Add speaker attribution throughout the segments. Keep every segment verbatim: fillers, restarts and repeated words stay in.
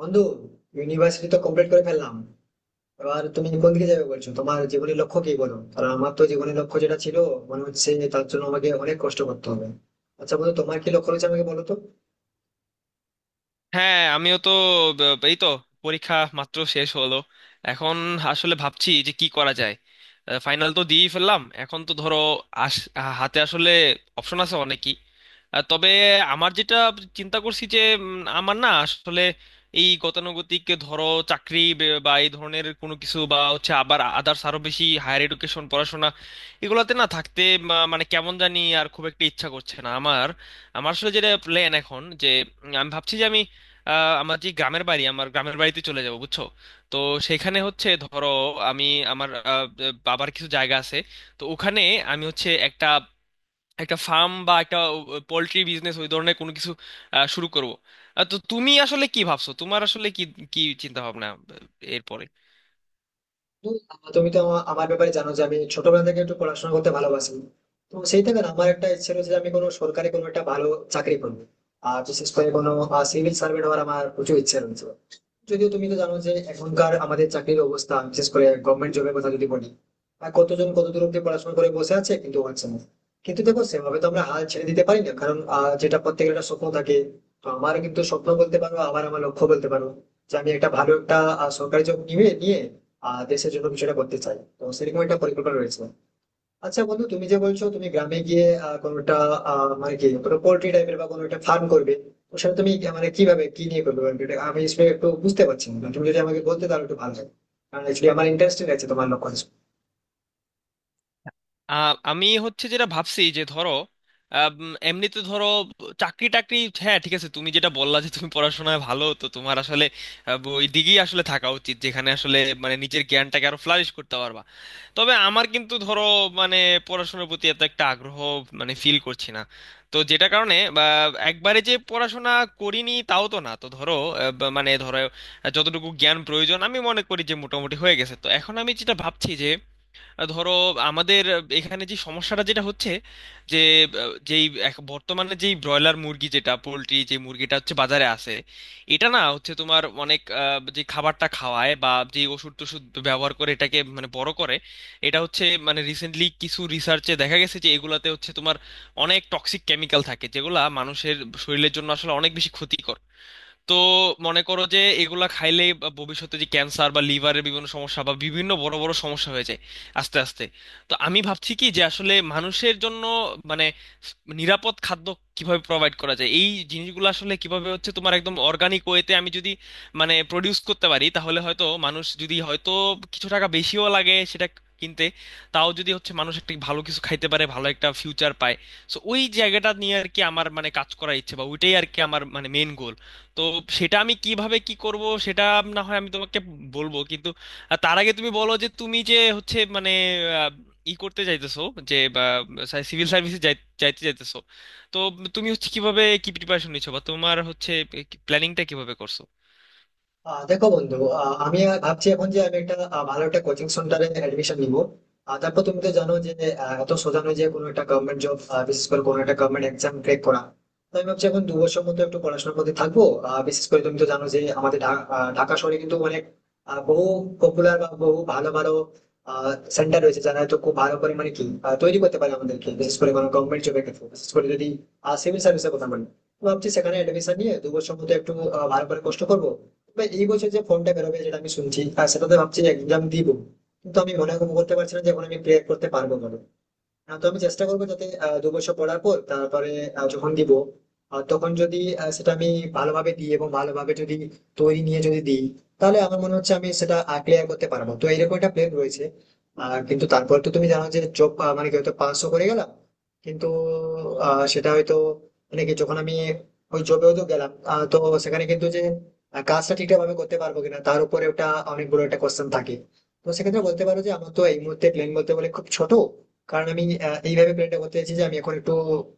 Speaker 1: বন্ধু ইউনিভার্সিটি তো কমপ্লিট করে ফেললাম। এবার তুমি কোন দিকে যাবে বলছো, তোমার জীবনের লক্ষ্য কি বলো? কারণ আমার তো জীবনের লক্ষ্য যেটা ছিল মনে হচ্ছে যে তার জন্য আমাকে অনেক কষ্ট করতে হবে। আচ্ছা বন্ধু, তোমার কি লক্ষ্য রয়েছে আমাকে বলো তো।
Speaker 2: হ্যাঁ আমিও তো ব- এই তো পরীক্ষা মাত্র শেষ হলো। এখন আসলে ভাবছি যে কি করা যায়। ফাইনাল তো দিয়েই ফেললাম, এখন তো ধরো আস আহ, হাতে আসলে অপশন আছে অনেকই। আহ, তবে আমার যেটা চিন্তা করছি যে উম, আমার না আসলে এই গতানুগতিক ধরো চাকরি বে- বা এই ধরনের কোনো কিছু বা হচ্ছে আবার আদার্স আরো বেশি হায়ার এডুকেশন পড়াশোনা এগুলোতে না থাকতে মা- মানে কেমন জানি আর খুব একটা ইচ্ছা করছে না আমার। আমার আসলে যেটা প্ল্যান এখন যে উম, আমি ভাবছি যে আমি আহ, আমার যে গ্রামের বাড়ি, আমার গ্রামের বাড়িতে চলে যাব, বুঝছো। তো সেখানে হচ্ছে ধরো আমি, আমার আহ, বাবার কিছু জায়গা আছে। তো ওখানে আমি হচ্ছে একটা একটা ফার্ম বা একটা পোল্ট্রি বিজনেস ওই ধরনের কোনো কিছু আহ, শুরু করব। তো তুমি আসলে কি ভাবছো, তোমার আসলে কি কি চিন্তা ভাবনা এরপরে?
Speaker 1: বন্ধু, আহ, তুমি তো আমা- আমার ব্যাপারে জানো যে আমি ছোটবেলা থেকে একটু পড়াশোনা করতে ভালোবাসি। তো সেই থেকে না আমার একটা ইচ্ছে রয়েছে যে আমি কোনো সরকারি কোনো একটা ভালো চাকরি করবো। আর বিশেষ করে কোনো সিভিল সার্ভেন্ট হওয়ার আমার প্রচুর ইচ্ছে রয়েছে। যদিও তুমি তো জানো যে এখনকার আমাদের চাকরির অবস্থা, বিশেষ করে গভর্নমেন্ট জবের কথা যদি বলি, আর কতজন কত দূর অব্দি পড়াশোনা করে বসে আছে কিন্তু হচ্ছে না। কিন্তু দেখো, সেভাবে তো আমরা হাল ছেড়ে দিতে পারি না, কারণ আহ, যেটা প্রত্যেকের একটা স্বপ্ন থাকে। তো আমার কিন্তু স্বপ্ন বলতে পারো, আবার আমার লক্ষ্য বলতে পারো, যে আমি একটা ভালো একটা আহ, সরকারি জব নিয়ে নিয়ে আহ, দেশের জন্য কিছু একটা করতে চাই। তো সেরকম একটা পরিকল্পনা রয়েছে। আচ্ছা বন্ধু, তুমি যে বলছো তুমি গ্রামে গিয়ে আহ, কোনোটা আহ, মানে কি কোনো পোল্ট্রি টাইপের বা কোনো একটা ফার্ম করবে, তো সেটা তুমি আহ, মানে কিভাবে কি নিয়ে করবে, মানে এটা আমি আসলে একটু বুঝতে পারছি না। তুমি যদি আমাকে বলতে তাহলে একটু ভালো হয়, কারণ অ্যাকচুয়ালি আমার ইন্টারেস্টেড আছে তোমার লক্ষ্য।
Speaker 2: আহ, আমি হচ্ছে যেটা ভাবছি যে ধরো আহ, উম, এমনিতে ধরো চাকরি টাকরি, হ্যাঁ ঠিক আছে তুমি যেটা বললা যে তুমি পড়াশোনায় ভালো, তো তোমার আসলে আহ, ওই দিকেই আসলে থাকা উচিত, যেখানে আসলে মানে নিজের জ্ঞানটাকে আরো ফ্লারিশ করতে পারবা। তবে আমার কিন্তু ধরো মানে পড়াশোনার প্রতি এত একটা আগ্রহ মানে ফিল করছি না। তো যেটা কারণে বা একবারে যে পড়াশোনা করিনি তাও তো না। তো ধরো আহ, বা- মানে ধরো আহ, যতটুকু জ্ঞান প্রয়োজন আমি মনে করি যে মোটামুটি হয়ে গেছে। তো এখন আমি যেটা ভাবছি, ধরো আমাদের এখানে যে সমস্যাটা যেটা হচ্ছে যে আহ, যেই এক- বর্তমানে যেই ব্রয়লার মুরগি, যেটা পোলট্রি, যে মুরগিটা হচ্ছে বাজারে আসে, এটা না হচ্ছে তোমার অনেক আহ, যে খাবারটা খাওয়ায় বা যে ওষুধ টষুধ ব্যবহার করে এটাকে মানে বড় করে, এটা হচ্ছে মানে রিসেন্টলি কিছু রিসার্চে দেখা গেছে যে এগুলাতে হচ্ছে তোমার অনেক টক্সিক কেমিক্যাল থাকে, যেগুলা মানুষের শরীরের জন্য আসলে অনেক বেশি ক্ষতিকর। তো মনে করো যে এগুলা খাইলে ভবিষ্যতে যে ক্যান্সার বা লিভারের বিভিন্ন সমস্যা বা বিভিন্ন বড় বড় সমস্যা হয়ে যায় আস্তে আস্তে। তো আমি ভাবছি কি যে আসলে মানুষের জন্য মানে নিরাপদ খাদ্য কিভাবে প্রোভাইড করা যায়, এই জিনিসগুলো আসলে কিভাবে হচ্ছে তোমার একদম অর্গানিক ওয়েতে আমি যদি মানে প্রডিউস করতে পারি, তাহলে হয়তো মানুষ যদি হয়তো কিছু টাকা বেশিও লাগে সেটা কিনতে, তাও যদি হচ্ছে মানুষ একটা ভালো কিছু খাইতে পারে, ভালো একটা ফিউচার পায়। সো ওই জায়গাটা নিয়ে আর কি আমার মানে কাজ করার ইচ্ছে, বা ওইটাই আর কি আমার মানে মেন গোল। তো সেটা আমি কিভাবে কি করব সেটা না হয় আমি তোমাকে বলবো, কিন্তু আহ, তার আগে তুমি বলো যে তুমি যে হচ্ছে মানে আহ, ই করতে চাইতেছো যে সিভিল সার্ভিসে যাইতে চাইতেছো, তো তুমি হচ্ছে কিভাবে কি প্রিপারেশন নিচ্ছো বা তোমার হচ্ছে প্ল্যানিংটা কিভাবে করছো?
Speaker 1: আহ দেখো বন্ধু, আহ, আমি আর ভাবছি এখন যে আমি একটা আহ, ভালো একটা কোচিং সেন্টারে অ্যাডমিশন নিব। আর তারপর তুমি তো জানো যে আহ, এত সোজা নয় যে কোনো একটা গভর্নমেন্ট জব, বিশেষ করে কোনো একটা গভর্নমেন্ট এক্সাম ক্র্যাক করা। তো আমি ভাবছি এখন দু বছর মতো একটু পড়াশোনার মধ্যে থাকবো। আহ, বিশেষ করে তুমি তো জানো যে আমাদের ঢা- আহ, ঢাকা শহরে কিন্তু অনেক আহ, বহু পপুলার বা বহু ভালো ভালো সেন্টার রয়েছে, যারা হয়তো খুব ভালো করে মানে কি আহ, তৈরি করতে পারে আমাদেরকে, বিশেষ করে কোনো গভর্নমেন্ট জবের ক্ষেত্রে, বিশেষ করে যদি সিভিল সার্ভিসের কথা বলি। তো ভাবছি সেখানে অ্যাডমিশন নিয়ে দু বছর মতো একটু আহ, ভালো করে কষ্ট করবো। তবে এই বছর যে ফোনটা বেরোবে যেটা আমি শুনছি, আর সেটাতে ভাবছি এক্সাম দিব, কিন্তু আমি মনে করতে পারছি না যে এখন আমি ক্লিয়ার করতে পারবো না। আহ, তো আমি চেষ্টা করবো যাতে আহ, দু বছর পড়ার পর তারপরে আহ, যখন দিব, আহ, তখন যদি আহ, সেটা আমি ভালোভাবে দিই এবং ভালোভাবে যদি তৈরি নিয়ে যদি দিই, তাহলে আমার মনে হচ্ছে আমি সেটা ক্লিয়ার করতে পারবো। তো এরকম একটা প্ল্যান রয়েছে। আর কিন্তু তারপর তো তুমি জানো যে জব, মানে কি হয়তো পাসও করে গেলাম, কিন্তু আহ, সেটা হয়তো মানে কি যখন আমি ওই জবে হয়তো গেলাম, আহ, তো সেখানে কিন্তু যে আহ, কাজটা ঠিকঠাক ভাবে করতে পারবো কিনা তার উপরে ওটা অনেক বড় একটা কোশ্চেন থাকে। তো সেক্ষেত্রে বলতে পারো যে আমার তো এই মুহূর্তে প্ল্যান বলতে গেলে খুব ছোট, কারণ আমি আহ, এইভাবে প্ল্যানটা করতে চাইছি যে আমি এখন একটু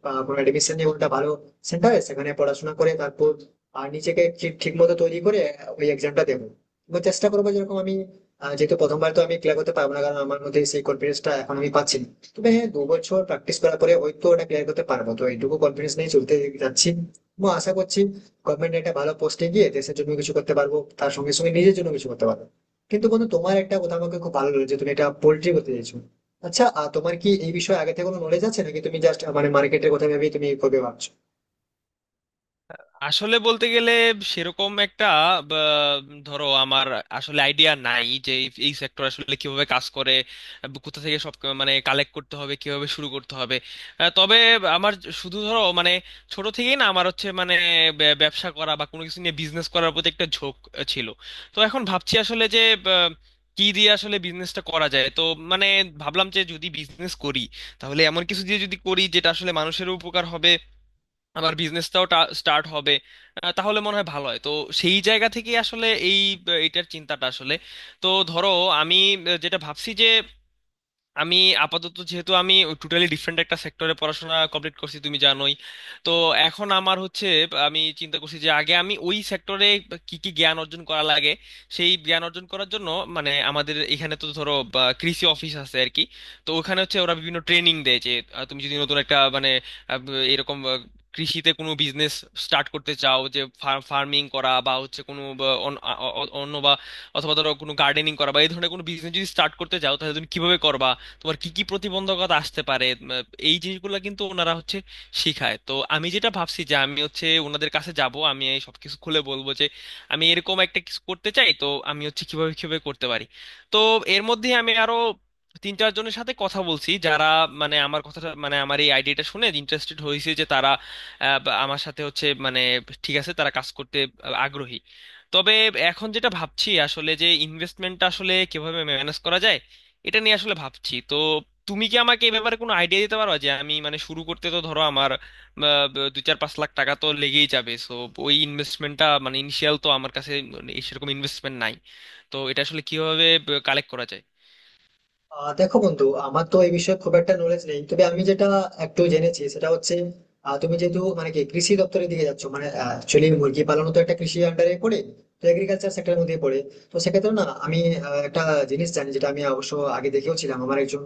Speaker 1: আহ, কোনো এডমিশন নিয়ে কোনটা ভালো সেন্টারে সেখানে পড়াশোনা করে তারপর আহ, নিজেকে ঠিক ঠিক মতো তৈরি করে ওই এক্সামটা দেবো। এবং চেষ্টা করবো যেরকম আমি আহ, যেহেতু প্রথমবার তো আমি ক্লিয়ার করতে পারবো না, কারণ আমার মধ্যে সেই কনফিডেন্সটা এখন আমি পাচ্ছি না। তবে হ্যাঁ, দু বছর প্র্যাকটিস করার পরে ওই তো ওটা ক্লিয়ার করতে পারবো, তো এইটুকু কনফিডেন্স নিয়ে চলতে যাচ্ছি। এবং আশা করছি গভর্নমেন্ট একটা ভালো পোস্টে গিয়ে দেশের জন্য কিছু করতে পারবো, তার সঙ্গে সঙ্গে নিজের জন্য কিছু করতে পারবো। কিন্তু বন্ধু, তোমার একটা কথা আমাকে খুব ভালো লেগেছে, তুমি এটা পোল্ট্রি করতে চাইছো। আচ্ছা আহ, তোমার কি এই বিষয়ে আগে থেকে কোনো নলেজ আছে, নাকি তুমি জাস্ট মানে মার্কেটের কথা ভেবেই তুমি করবে ভাবছো?
Speaker 2: আসলে বলতে গেলে সেরকম একটা বা, ধরো আমার আসলে আইডিয়া নাই যে এই সেক্টর আসলে কিভাবে কাজ করে বা কোথা থেকে সব ক- মানে কালেক্ট করতে হবে, কিভাবে শুরু করতে হবে। আহ, তবে আমার শুধু ধরো মানে ছোট থেকেই না আমার হচ্ছে মানে ব্য- ব্যবসা করা বা কোনো কিছু নিয়ে বিজনেস করার প্রতি একটা ঝোঁক আহ, ছিল। তো এখন ভাবছি আসলে যে আহ, কি দিয়ে আসলে বিজনেসটা করা যায়। তো মানে ভাবলাম যে যদি বিজনেস করি, তাহলে এমন কিছু দিয়ে যদি করি যেটা আসলে মানুষেরও উপকার হবে, আমার বিজনেসটাও স্টার্ট হবে, আহ, তাহলে মনে হয় ভালো হয়। তো সেই জায়গা থেকে আসলে এই আহ, এইটার চিন্তাটা আসলে। তো ধরো আমি আহ, যেটা ভাবছি যে আমি আপাতত যেহেতু আমি টোটালি ডিফারেন্ট একটা সেক্টরে পড়াশোনা কমপ্লিট করছি, তুমি জানোই। তো এখন আমার হচ্ছে আমি চিন্তা করছি যে আগে আমি ওই সেক্টরে কি কি জ্ঞান অর্জন করা লাগে সেই জ্ঞান অর্জন করার জন্য মানে আমাদের এখানে তো ধরো বা, কৃষি অফিস আছে আর কি। তো ওখানে হচ্ছে ওরা বিভিন্ন ট্রেনিং দেয় যে আহ, তুমি যদি নতুন একটা মানে আহ, এরকম আহ, কৃষিতে কোনো বিজনেস স্টার্ট করতে চাও, যে ফার্মিং করা বা হচ্ছে কোনো বা, অন- আ- অ- অন্য বা অথবা ধরো কোনো গার্ডেনিং করা বা এই ধরনের কোনো বিজনেস যদি স্টার্ট করতে চাও তাহলে তুমি কিভাবে করবা, তোমার কি কি প্রতিবন্ধকতা আসতে পারে, উম, এই জিনিসগুলো কিন্তু ওনারা হচ্ছে শিখায়। তো আমি যেটা ভাবছি যে আমি হচ্ছে ওনাদের কাছে যাব, আমি এই সবকিছু খুলে বলবো যে আমি এরকম একটা কিছু করতে চাই, তো আমি হচ্ছে কিভাবে কিভাবে করতে পারি। তো এর মধ্যে আমি আরো তিন চারজনের সাথে কথা বলছি যারা মানে আমার কথাটা মানে আমার এই আইডিয়াটা শুনে ইন্টারেস্টেড হয়েছে, যে তারা আহ, বা আমার সাথে হচ্ছে মানে ঠিক আছে তারা কাজ করতে আগ্রহী। তবে এখন যেটা ভাবছি আসলে যে ইনভেস্টমেন্টটা আসলে কিভাবে ম্যানেজ করা যায়, এটা নিয়ে আসলে ভাবছি। তো তুমি কি আমাকে এই ব্যাপারে কোনো আইডিয়া দিতে পারো যে আমি মানে শুরু করতে তো ধরো আমার আহ, ব- দুই চার পাঁচ লাখ টাকা তো লেগেই যাবে, সো ওই ইনভেস্টমেন্টটা মানে ইনিশিয়াল তো আমার কাছে মানে এই সেরকম ইনভেস্টমেন্ট নাই। তো এটা আসলে কিভাবে কালেক্ট করা যায়?
Speaker 1: আহ দেখো বন্ধু, আমার তো এই বিষয়ে খুব একটা নলেজ নেই, তবে আমি যেটা একটু জেনেছি সেটা হচ্ছে আহ, তুমি যেহেতু মানে কি কৃষি দপ্তরের দিকে যাচ্ছ, মানে অ্যাকচুয়ালি মুরগি পালন তো একটা কৃষি আন্ডারে পড়ে, তো এগ্রিকালচার সেক্টরের মধ্যে পড়ে। তো সেক্ষেত্রে না আমি আহ, একটা জিনিস জানি, যেটা আমি অবশ্য আগে দেখেও ছিলাম, আমার একজন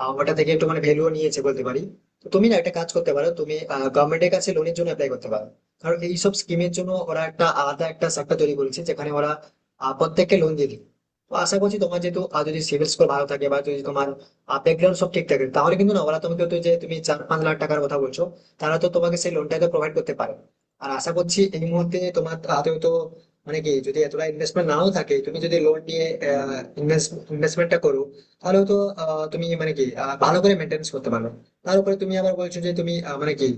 Speaker 1: আহ, ওটা থেকে একটু মানে ভ্যালুও নিয়েছে বলতে পারি। তো তুমি না একটা কাজ করতে পারো, তুমি গভর্নমেন্টের কাছে লোনের জন্য অ্যাপ্লাই করতে পারো। কারণ এইসব স্কিমের জন্য ওরা একটা আলাদা একটা সেক্টর তৈরি করেছে, যেখানে ওরা আহ, প্রত্যেককে লোন দিয়ে দিবে। তো আশা করছি তোমার যেহেতু আহ, যদি সিভিল স্কোর ভালো থাকে বা যদি তোমার ব্যাকগ্রাউন্ড সব ঠিক থাকে, তাহলে কিন্তু না ওরা তোমাকে, তো যে তুমি চার পাঁচ লাখ টাকার কথা বলছো, তারা তো তোমাকে সেই লোনটা তো প্রোভাইড করতে পারে। আর আশা করছি এই মুহূর্তে তোমার হাতে তো মানে কি যদি এতটা ইনভেস্টমেন্ট নাও থাকে, তুমি যদি লোন নিয়ে ইনভেস্টমেন্টটা করো, তাহলে তো আহ, তুমি মানে কি আহ, ভালো করে মেনটেন্স করতে পারো। তার উপরে তুমি আবার বলছো যে তুমি আহ, মানে কি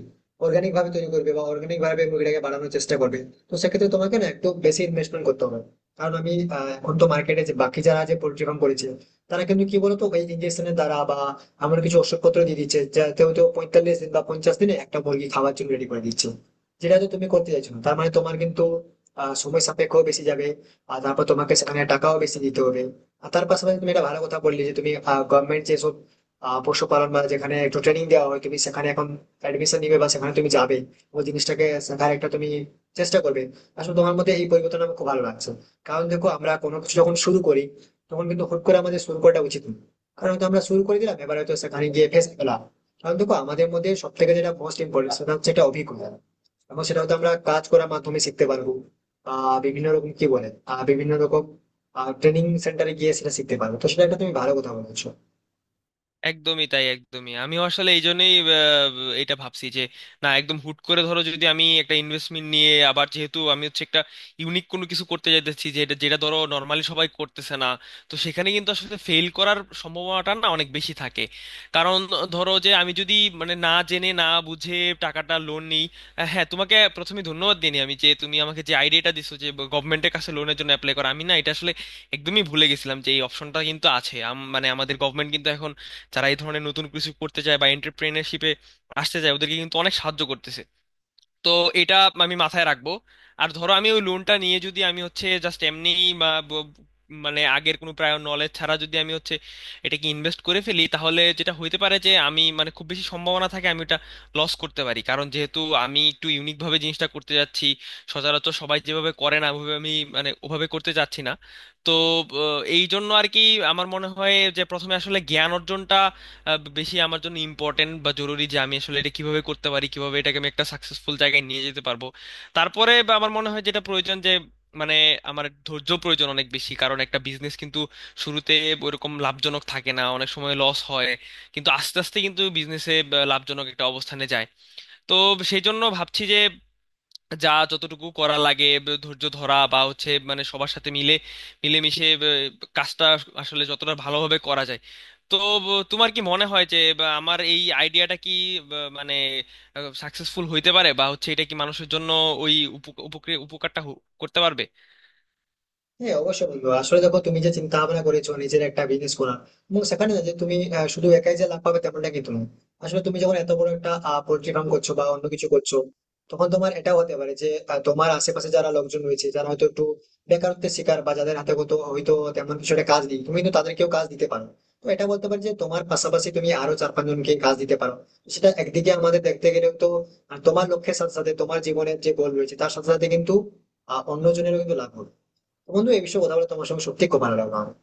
Speaker 1: অর্গানিক ভাবে তৈরি করবে বা অর্গানিক ভাবে মুরগিটাকে বাড়ানোর চেষ্টা করবে, তো সেক্ষেত্রে তোমাকে না একটু বেশি ইনভেস্টমেন্ট করতে হবে। কারণ আমি আহ, এখন তো মার্কেটে যে বাকি যারা যে পোল্ট্রি ফার্ম করেছে, তারা কিন্তু কি বলতো, ওই ইঞ্জেকশনের দ্বারা বা এমন কিছু ওষুধপত্র দিয়ে দিচ্ছে যাতে হয়তো পঁয়তাল্লিশ দিন বা পঞ্চাশ দিনে একটা মুরগি খাওয়ার জন্য রেডি করে দিচ্ছে। যেটা তো তুমি করতে চাইছো না, তার মানে তোমার কিন্তু আহ, সময় সাপেক্ষ বেশি যাবে, আর তারপর তোমাকে সেখানে টাকাও বেশি দিতে হবে। আর তার পাশাপাশি তুমি এটা ভালো কথা বললে, যে তুমি গভর্নমেন্ট যেসব আহ, পশুপালন বা যেখানে একটু ট্রেনিং দেওয়া হয় তুমি সেখানে এখন অ্যাডমিশন নিবে বা সেখানে তুমি যাবে, ওই জিনিসটাকে শেখার একটা তুমি চেষ্টা করবে। আসলে তোমার মধ্যে এই পরিবর্তন আমার খুব ভালো লাগছে। কারণ দেখো, আমরা কোনো কিছু যখন শুরু করি তখন কিন্তু হুট করে আমাদের শুরু করাটা উচিত নয়, কারণ হয়তো আমরা শুরু করে দিলাম, এবার হয়তো সেখানে গিয়ে ফেসে গেলাম। কারণ দেখো আমাদের মধ্যে সব থেকে যেটা মোস্ট ইম্পর্টেন্ট সেটা হচ্ছে একটা অভিজ্ঞতা, এবং সেটা হয়তো আমরা কাজ করার মাধ্যমে শিখতে পারবো। আহ বিভিন্ন রকম কি বলে আহ বিভিন্ন রকম ট্রেনিং সেন্টারে গিয়ে সেটা শিখতে পারবো, তো সেটা একটা তুমি ভালো কথা বলেছো।
Speaker 2: একদমই তাই, একদমই। আমি আসলে এই জন্যই আহ, এটা ভাবছি যে না একদম হুট করে ধরো যদি আমি একটা ইনভেস্টমেন্ট নিয়ে, আবার যেহেতু আমি হচ্ছে একটা ইউনিক কোনো কিছু করতে যাচ্ছি যে এটা যেটা ধরো নর্মালি সবাই করতেছে না, তো সেখানে কিন্তু আসলে ফেল করার সম্ভাবনাটা না অনেক বেশি থাকে। কারণ ধরো যে আমি যদি মানে না জেনে না বুঝে টাকাটা লোন নিই। আহ, হ্যাঁ, তোমাকে প্রথমে ধন্যবাদ দিইনি আমি যে তুমি আমাকে যে আইডিয়াটা দিছো যে গভর্নমেন্টের কাছে লোনের জন্য অ্যাপ্লাই করা, আমি না এটা আসলে একদমই ভুলে গেছিলাম যে এই অপশনটা কিন্তু আছে। আম- মানে আমাদের যারা এই ধরনের নতুন কিছু করতে চায় বা এন্টারপ্রেনারশিপে আসতে চায় ওদেরকে কিন্তু অনেক সাহায্য করতেছে। তো এটা আমি মাথায় রাখবো। আর ধরো আমি ওই লোনটা নিয়ে যদি আমি হচ্ছে জাস্ট এমনি মানে আগের কোনো প্রায় নলেজ ছাড়া যদি আমি হচ্ছে এটাকে ইনভেস্ট করে ফেলি, তাহলে যেটা হইতে পারে যে আমি মানে খুব বেশি সম্ভাবনা থাকে আমি এটা লস করতে পারি, কারণ যেহেতু আমি একটু ইউনিক ভাবে জিনিসটা করতে যাচ্ছি, সচরাচর সবাই যেভাবে করে না ওভাবে আমি মানে ওভাবে করতে যাচ্ছি না। তো আহ, এই জন্য আর কি আমার মনে হয় যে প্রথমে আসলে জ্ঞান অর্জনটা আহ, বেশি আমার জন্য ইম্পর্টেন্ট বা জরুরি, যে আমি আসলে এটা কিভাবে করতে পারি, কিভাবে এটাকে আমি একটা সাকসেসফুল জায়গায় নিয়ে যেতে পারবো। তারপরে বা আমার মনে হয় যেটা প্রয়োজন যে মানে আমার ধৈর্য প্রয়োজন অনেক বেশি, কারণ একটা বিজনেস কিন্তু শুরুতে ওইরকম লাভজনক থাকে না, অনেক সময় লস হয়, কিন্তু আস্তে আস্তে কিন্তু বিজনেসে লাভজনক একটা অবস্থানে যায়। তো সেই জন্য ভাবছি যে যা যতটুকু করা লাগে, ব- ধৈর্য ধরা বা হচ্ছে মানে সবার সাথে মিলে মিলেমিশে ব- কাজটা আসলে যতটা ভালোভাবে করা যায়। তো ব- তোমার কি মনে হয় যে বা, আমার এই আইডিয়াটা কি ব- মানে সাকসেসফুল হইতে পারে, বা হচ্ছে এটা কি মানুষের জন্য ওই উপক- উপকার উপকারটা হো- করতে পারবে?
Speaker 1: হ্যাঁ অবশ্যই বন্ধু। আসলে দেখো, তুমি যে চিন্তা ভাবনা করেছো নিজের একটা বিজনেস করার, এবং সেখানে না যে তুমি আহ, শুধু একাই যে লাভ পাবে তেমনটা কিন্তু নয়। আসলে তুমি যখন এত বড় একটা পোল্ট্রি ফার্ম করছো বা অন্য কিছু করছো, তখন তোমার এটা হতে পারে যে আহ, তোমার আশেপাশে যারা লোকজন রয়েছে যারা হয়তো একটু বেকারত্বের শিকার বা যাদের হাতে হয়তো হয়তো তেমন কিছু একটা কাজ নেই, তুমি কিন্তু তাদেরকেও কাজ দিতে পারো। তো এটা বলতে পারি যে তোমার পাশাপাশি তুমি আরো চার পাঁচ জনকে কাজ দিতে পারো। সেটা একদিকে আমাদের দেখতে গেলে তো আহ, তোমার লক্ষ্যের সাথে সাথে তোমার জীবনের যে গোল রয়েছে তার সাথে সাথে কিন্তু আহ, অন্যজনেরও কিন্তু লাভ হবে। তো বন্ধু, এই বিষয়ে কথা বলে তোমার সঙ্গে সত্যি খুব ভালো লাগলো আমার।